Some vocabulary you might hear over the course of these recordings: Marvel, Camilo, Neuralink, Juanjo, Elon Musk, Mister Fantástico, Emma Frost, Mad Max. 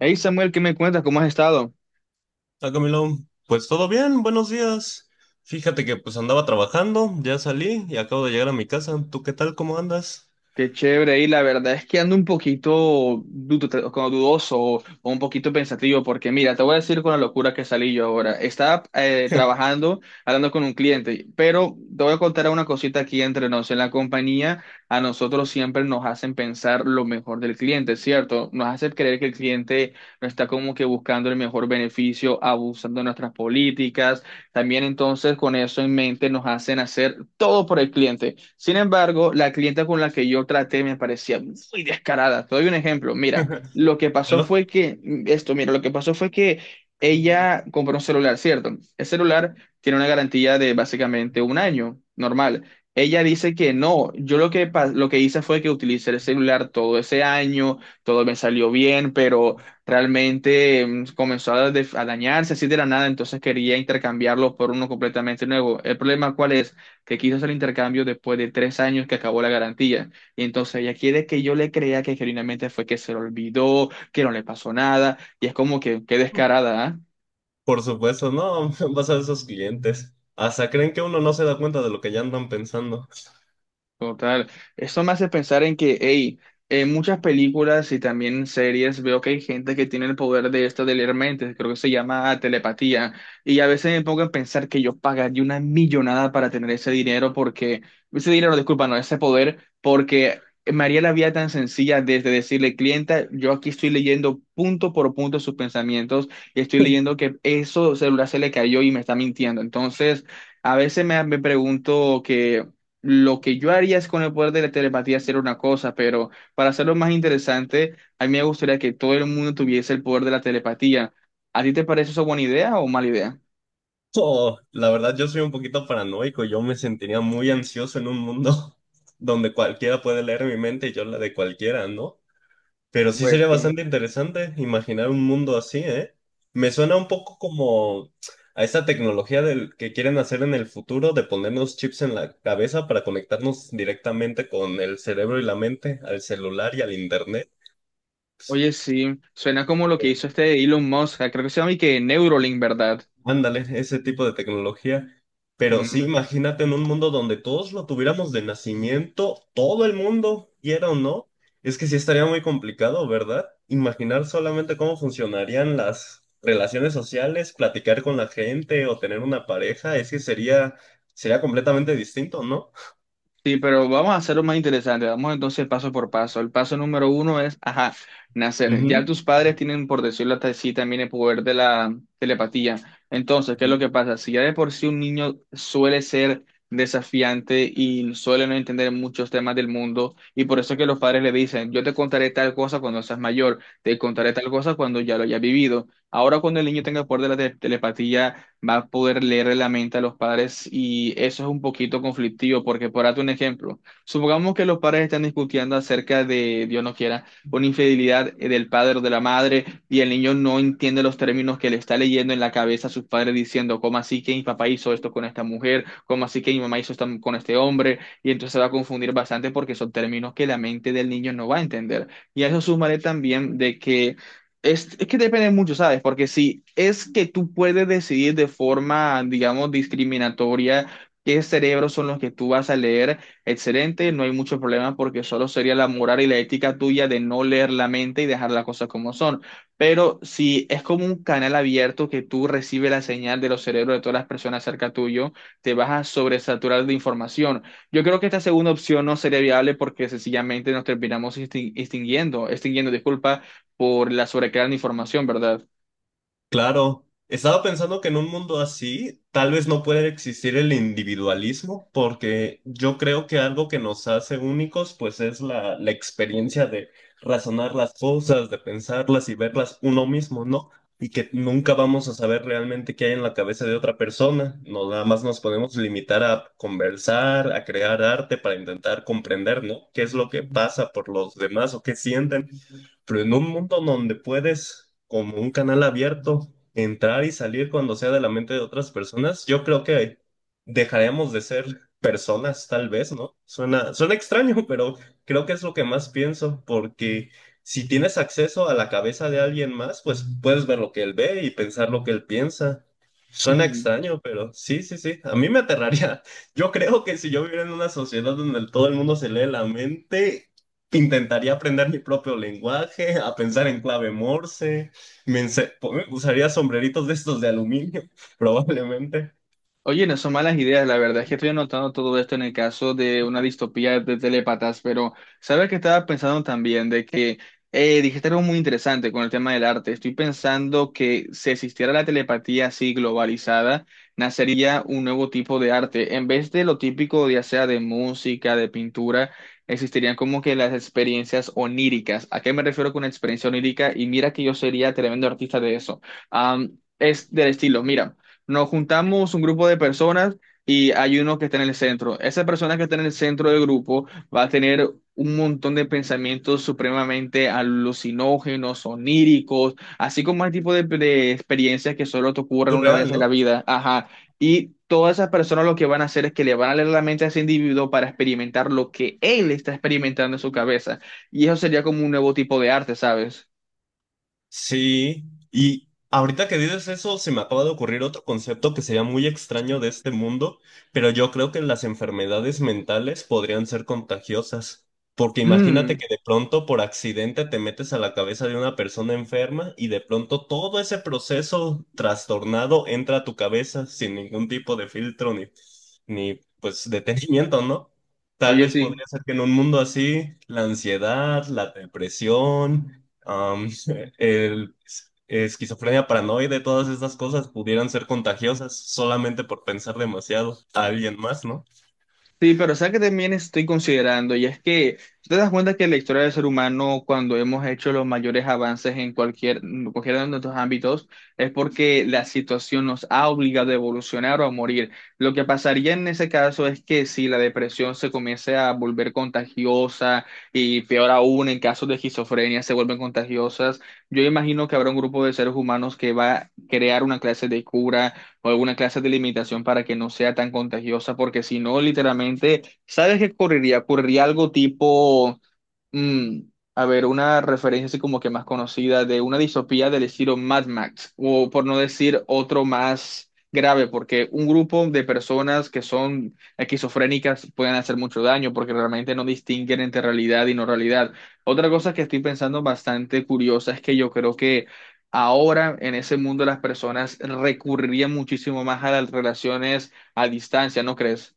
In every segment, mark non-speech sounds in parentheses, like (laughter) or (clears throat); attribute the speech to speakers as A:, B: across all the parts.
A: Hey Samuel, ¿qué me cuentas? ¿Cómo has estado?
B: Ah, Camilo, pues todo bien, buenos días. Fíjate que pues andaba trabajando, ya salí y acabo de llegar a mi casa. ¿Tú qué tal? ¿Cómo andas?
A: Qué chévere. Y la verdad es que ando un poquito como dudoso o un poquito pensativo porque mira, te voy a decir con la locura que salí yo ahora. Estaba trabajando, hablando con un cliente, pero te voy a contar una cosita aquí entre nos. En la compañía, a nosotros siempre nos hacen pensar lo mejor del cliente, ¿cierto? Nos hace creer que el cliente no está como que buscando el mejor beneficio, abusando de nuestras políticas. También entonces con eso en mente nos hacen hacer todo por el cliente. Sin embargo, la clienta con la que yo traté me parecía muy descarada. Te doy un ejemplo. Mira, lo que
B: (laughs)
A: pasó
B: Claro,
A: fue que, mm, esto, mira, lo que pasó fue que ella compró un celular, ¿cierto? El celular tiene una garantía de básicamente un año, normal. Ella dice que no, yo lo que, pa- lo que hice fue que utilicé el celular todo ese año, todo me salió bien, pero realmente comenzó a, a dañarse así de la nada, entonces quería intercambiarlo por uno completamente nuevo. El problema, ¿cuál es? Que quiso hacer el intercambio después de tres años que acabó la garantía. Y entonces ella quiere que yo le crea que genuinamente fue que se le olvidó, que no le pasó nada, y es como que, qué descarada, ¿ah?
B: por supuesto, no, (laughs) vas a ver esos clientes. Hasta creen que uno no se da cuenta de lo que ya andan pensando. (laughs)
A: Total. Eso me hace pensar en que, hey, en muchas películas y también en series veo que hay gente que tiene el poder de esto de leer mentes, creo que se llama telepatía. Y a veces me pongo a pensar que yo pagaría una millonada para tener ese dinero porque, ese dinero, disculpa, no, ese poder, porque me haría la vida tan sencilla desde decirle, clienta, yo aquí estoy leyendo punto por punto sus pensamientos y estoy leyendo que eso celular se le cayó y me está mintiendo. Entonces... A veces me pregunto que lo que yo haría es con el poder de la telepatía hacer una cosa, pero para hacerlo más interesante, a mí me gustaría que todo el mundo tuviese el poder de la telepatía. ¿A ti te parece eso buena idea o mala idea?
B: Oh, la verdad, yo soy un poquito paranoico. Yo me sentiría muy ansioso en un mundo (laughs) donde cualquiera puede leer mi mente y yo la de cualquiera, ¿no? Pero sí
A: Pues
B: sería
A: sí.
B: bastante interesante imaginar un mundo así, ¿eh? Me suena un poco como a esa tecnología del que quieren hacer en el futuro de ponernos chips en la cabeza para conectarnos directamente con el cerebro y la mente, al celular y al internet.
A: Oye, sí, suena como lo que hizo este Elon Musk, creo que se llama y que Neuralink, ¿verdad?
B: Ándale, ese tipo de tecnología. Pero sí, imagínate en un mundo donde todos lo tuviéramos de nacimiento, todo el mundo, quiera o no. Es que sí estaría muy complicado, ¿verdad? Imaginar solamente cómo funcionarían las relaciones sociales, platicar con la gente o tener una pareja, es que sería, sería completamente distinto, ¿no?
A: Sí, pero vamos a hacerlo más interesante. Vamos entonces paso por paso. El paso número uno es, ajá, nacer. Ya tus padres tienen, por decirlo hasta así, también el poder de la telepatía. Entonces, ¿qué es lo
B: Ujú.
A: que pasa? Si ya de por sí un niño suele ser desafiante y suele no entender muchos temas del mundo, y por eso es que los padres le dicen, yo te contaré tal cosa cuando seas mayor, te contaré tal cosa cuando ya lo hayas vivido. Ahora, cuando el niño tenga el poder de la telepatía, va a poder leer la mente a los padres y eso es un poquito conflictivo porque, por darte un ejemplo, supongamos que los padres están discutiendo acerca de, Dios no quiera, una infidelidad del padre o de la madre y el niño no entiende los términos que le está leyendo en la cabeza a sus padres diciendo, ¿cómo así que mi papá hizo esto con esta mujer? ¿Cómo así que mi mamá hizo esto con este hombre? Y entonces se va a confundir bastante porque son términos que la mente del niño no va a entender. Y a eso sumaré también de que es que depende mucho, ¿sabes? Porque si es que tú puedes decidir de forma, digamos, discriminatoria qué cerebros son los que tú vas a leer, excelente, no hay mucho problema porque solo sería la moral y la ética tuya de no leer la mente y dejar las cosas como son. Pero si es como un canal abierto que tú recibes la señal de los cerebros de todas las personas cerca tuyo, te vas a sobresaturar de información. Yo creo que esta segunda opción no sería viable porque sencillamente nos terminamos extinguiendo, disculpa, por la sobrecarga de información, ¿verdad?
B: Claro, estaba pensando que en un mundo así tal vez no puede existir el individualismo, porque yo creo que algo que nos hace únicos pues es la experiencia de razonar las cosas, de pensarlas y verlas uno mismo, ¿no? Y que nunca vamos a saber realmente qué hay en la cabeza de otra persona, no, nada más nos podemos limitar a conversar, a crear arte para intentar comprender, ¿no? ¿Qué es lo que pasa por los demás o qué sienten? Pero en un mundo donde puedes, como un canal abierto, entrar y salir cuando sea de la mente de otras personas, yo creo que dejaremos de ser personas, tal vez, ¿no? Suena extraño, pero creo que es lo que más pienso, porque si tienes acceso a la cabeza de alguien más, pues puedes ver lo que él ve y pensar lo que él piensa. Suena extraño, pero sí, sí, sí. A mí me aterraría. (laughs) Yo creo que si yo viviera en una sociedad donde todo el mundo se lee la mente, intentaría aprender mi propio lenguaje, a pensar en clave Morse, usaría sombreritos de estos de aluminio, (laughs) probablemente.
A: Oye, no son malas ideas, la verdad es que estoy anotando todo esto en el caso de una distopía de telépatas, pero sabes que estaba pensando también de que dijiste algo muy interesante con el tema del arte. Estoy pensando que si existiera la telepatía así globalizada, nacería un nuevo tipo de arte. En vez de lo típico, ya sea de música, de pintura, existirían como que las experiencias oníricas. ¿A qué me refiero con experiencia onírica? Y mira que yo sería tremendo artista de eso. Es del estilo, mira. Nos juntamos un grupo de personas y hay uno que está en el centro. Esa persona que está en el centro del grupo va a tener un montón de pensamientos supremamente alucinógenos, oníricos, así como el tipo de experiencias que solo te ocurren una
B: Surreal,
A: vez en la
B: ¿no?
A: vida. Ajá. Y todas esas personas lo que van a hacer es que le van a leer la mente a ese individuo para experimentar lo que él está experimentando en su cabeza. Y eso sería como un nuevo tipo de arte, ¿sabes? (clears throat)
B: Sí, y ahorita que dices eso, se me acaba de ocurrir otro concepto que sería muy extraño de este mundo, pero yo creo que las enfermedades mentales podrían ser contagiosas, porque imagínate
A: Mm.
B: que de pronto por accidente te metes a la cabeza de una persona enferma y de pronto todo ese proceso trastornado entra a tu cabeza sin ningún tipo de filtro ni pues detenimiento, ¿no? Tal
A: Oye,
B: vez
A: sí.
B: podría ser que en un mundo así, la ansiedad, la depresión, el esquizofrenia paranoide, todas estas cosas pudieran ser contagiosas solamente por pensar demasiado a alguien más, ¿no?
A: Sí, pero ¿sabes que también estoy considerando? Y es que si te das cuenta que la historia del ser humano, cuando hemos hecho los mayores avances en cualquiera de nuestros ámbitos, es porque la situación nos ha obligado a evolucionar o a morir. Lo que pasaría en ese caso es que si la depresión se comienza a volver contagiosa y peor aún en casos de esquizofrenia se vuelven contagiosas, yo imagino que habrá un grupo de seres humanos que va a crear una clase de cura o alguna clase de limitación para que no sea tan contagiosa, porque si no, literalmente, ¿sabes qué ocurriría? Ocurriría algo tipo, mm, a ver, una referencia así como que más conocida de una distopía del estilo Mad Max, o por no decir otro más grave, porque un grupo de personas que son esquizofrénicas pueden hacer mucho daño porque realmente no distinguen entre realidad y no realidad. Otra cosa que estoy pensando bastante curiosa es que yo creo que ahora en ese mundo las personas recurrirían muchísimo más a las relaciones a distancia, ¿no crees?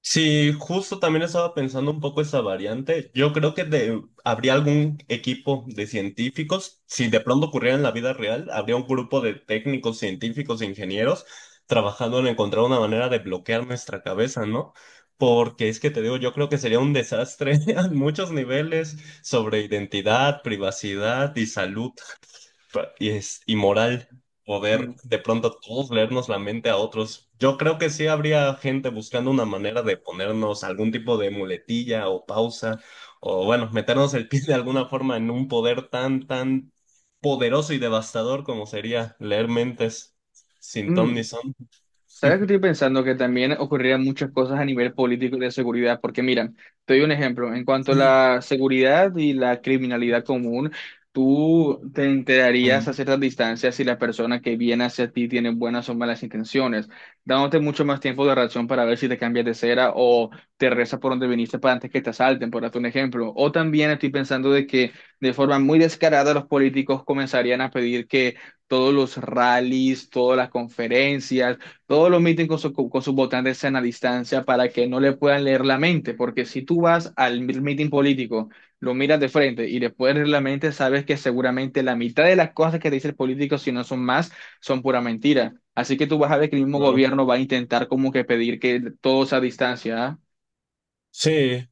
B: Sí, justo también estaba pensando un poco esa variante. Yo creo que habría algún equipo de científicos, si de pronto ocurriera en la vida real, habría un grupo de técnicos, científicos e ingenieros trabajando en encontrar una manera de bloquear nuestra cabeza, ¿no? Porque es que te digo, yo creo que sería un desastre (laughs) a muchos niveles sobre identidad, privacidad y salud, y es inmoral poder
A: Mm.
B: de pronto todos leernos la mente a otros. Yo creo que sí habría gente buscando una manera de ponernos algún tipo de muletilla o pausa, o bueno, meternos el pie de alguna forma en un poder tan poderoso y devastador como sería leer mentes sin ton ni
A: Mm.
B: son.
A: ¿Sabes que estoy pensando? Que también ocurrirían muchas cosas a nivel político y de seguridad, porque mira, te doy un ejemplo, en cuanto a
B: (laughs)
A: la seguridad y la criminalidad común, tú te enterarías a
B: Ujú.
A: ciertas distancias si la persona que viene hacia ti tiene buenas o malas intenciones, dándote mucho más tiempo de reacción para ver si te cambias de cera o te reza por donde viniste para antes que te asalten, por darte un ejemplo. O también estoy pensando de que de forma muy descarada los políticos comenzarían a pedir que... todos los rallies, todas las conferencias, todos los miten con sus votantes sean a distancia para que no le puedan leer la mente, porque si tú vas al mitin político, lo miras de frente y le puedes leer la mente, sabes que seguramente la mitad de las cosas que te dice el político, si no son más, son pura mentira. Así que tú vas a ver que el mismo
B: Claro.
A: gobierno va a intentar como que pedir que todo sea a distancia. ¿Ah?
B: Sí.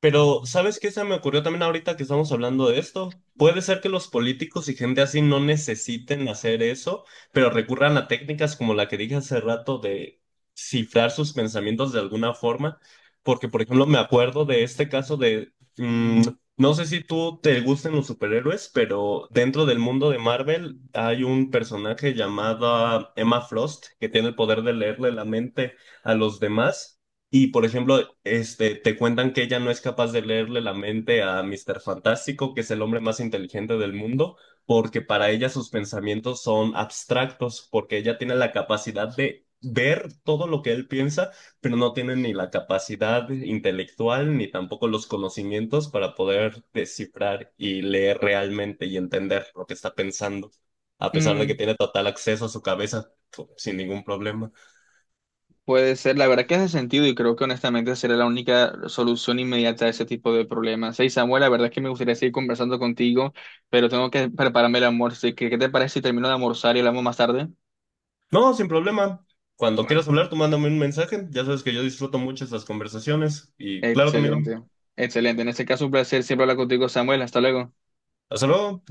B: Pero, ¿sabes qué se me ocurrió también ahorita que estamos hablando de esto? Puede ser que los políticos y gente así no necesiten hacer eso, pero recurran a técnicas como la que dije hace rato de cifrar sus pensamientos de alguna forma, porque, por ejemplo, me acuerdo de este caso de, mm, no sé si tú te gusten los superhéroes, pero dentro del mundo de Marvel hay un personaje llamado Emma Frost que tiene el poder de leerle la mente a los demás. Y por ejemplo, este, te cuentan que ella no es capaz de leerle la mente a Mister Fantástico, que es el hombre más inteligente del mundo, porque para ella sus pensamientos son abstractos, porque ella tiene la capacidad de ver todo lo que él piensa, pero no tiene ni la capacidad intelectual ni tampoco los conocimientos para poder descifrar y leer realmente y entender lo que está pensando, a pesar de que
A: Mm.
B: tiene total acceso a su cabeza sin ningún problema.
A: Puede ser, la verdad que hace sentido y creo que honestamente será la única solución inmediata a ese tipo de problemas. Hey Samuel, la verdad es que me gustaría seguir conversando contigo, pero tengo que prepararme el almuerzo, así que ¿qué te parece si termino de almorzar y hablamos más tarde?
B: No, sin problema. Cuando
A: Bueno,
B: quieras hablar, tú mándame un mensaje. Ya sabes que yo disfruto mucho estas conversaciones. Y claro, Camilo.
A: excelente, excelente. En este caso un placer siempre hablar contigo, Samuel. Hasta luego.
B: Hasta luego.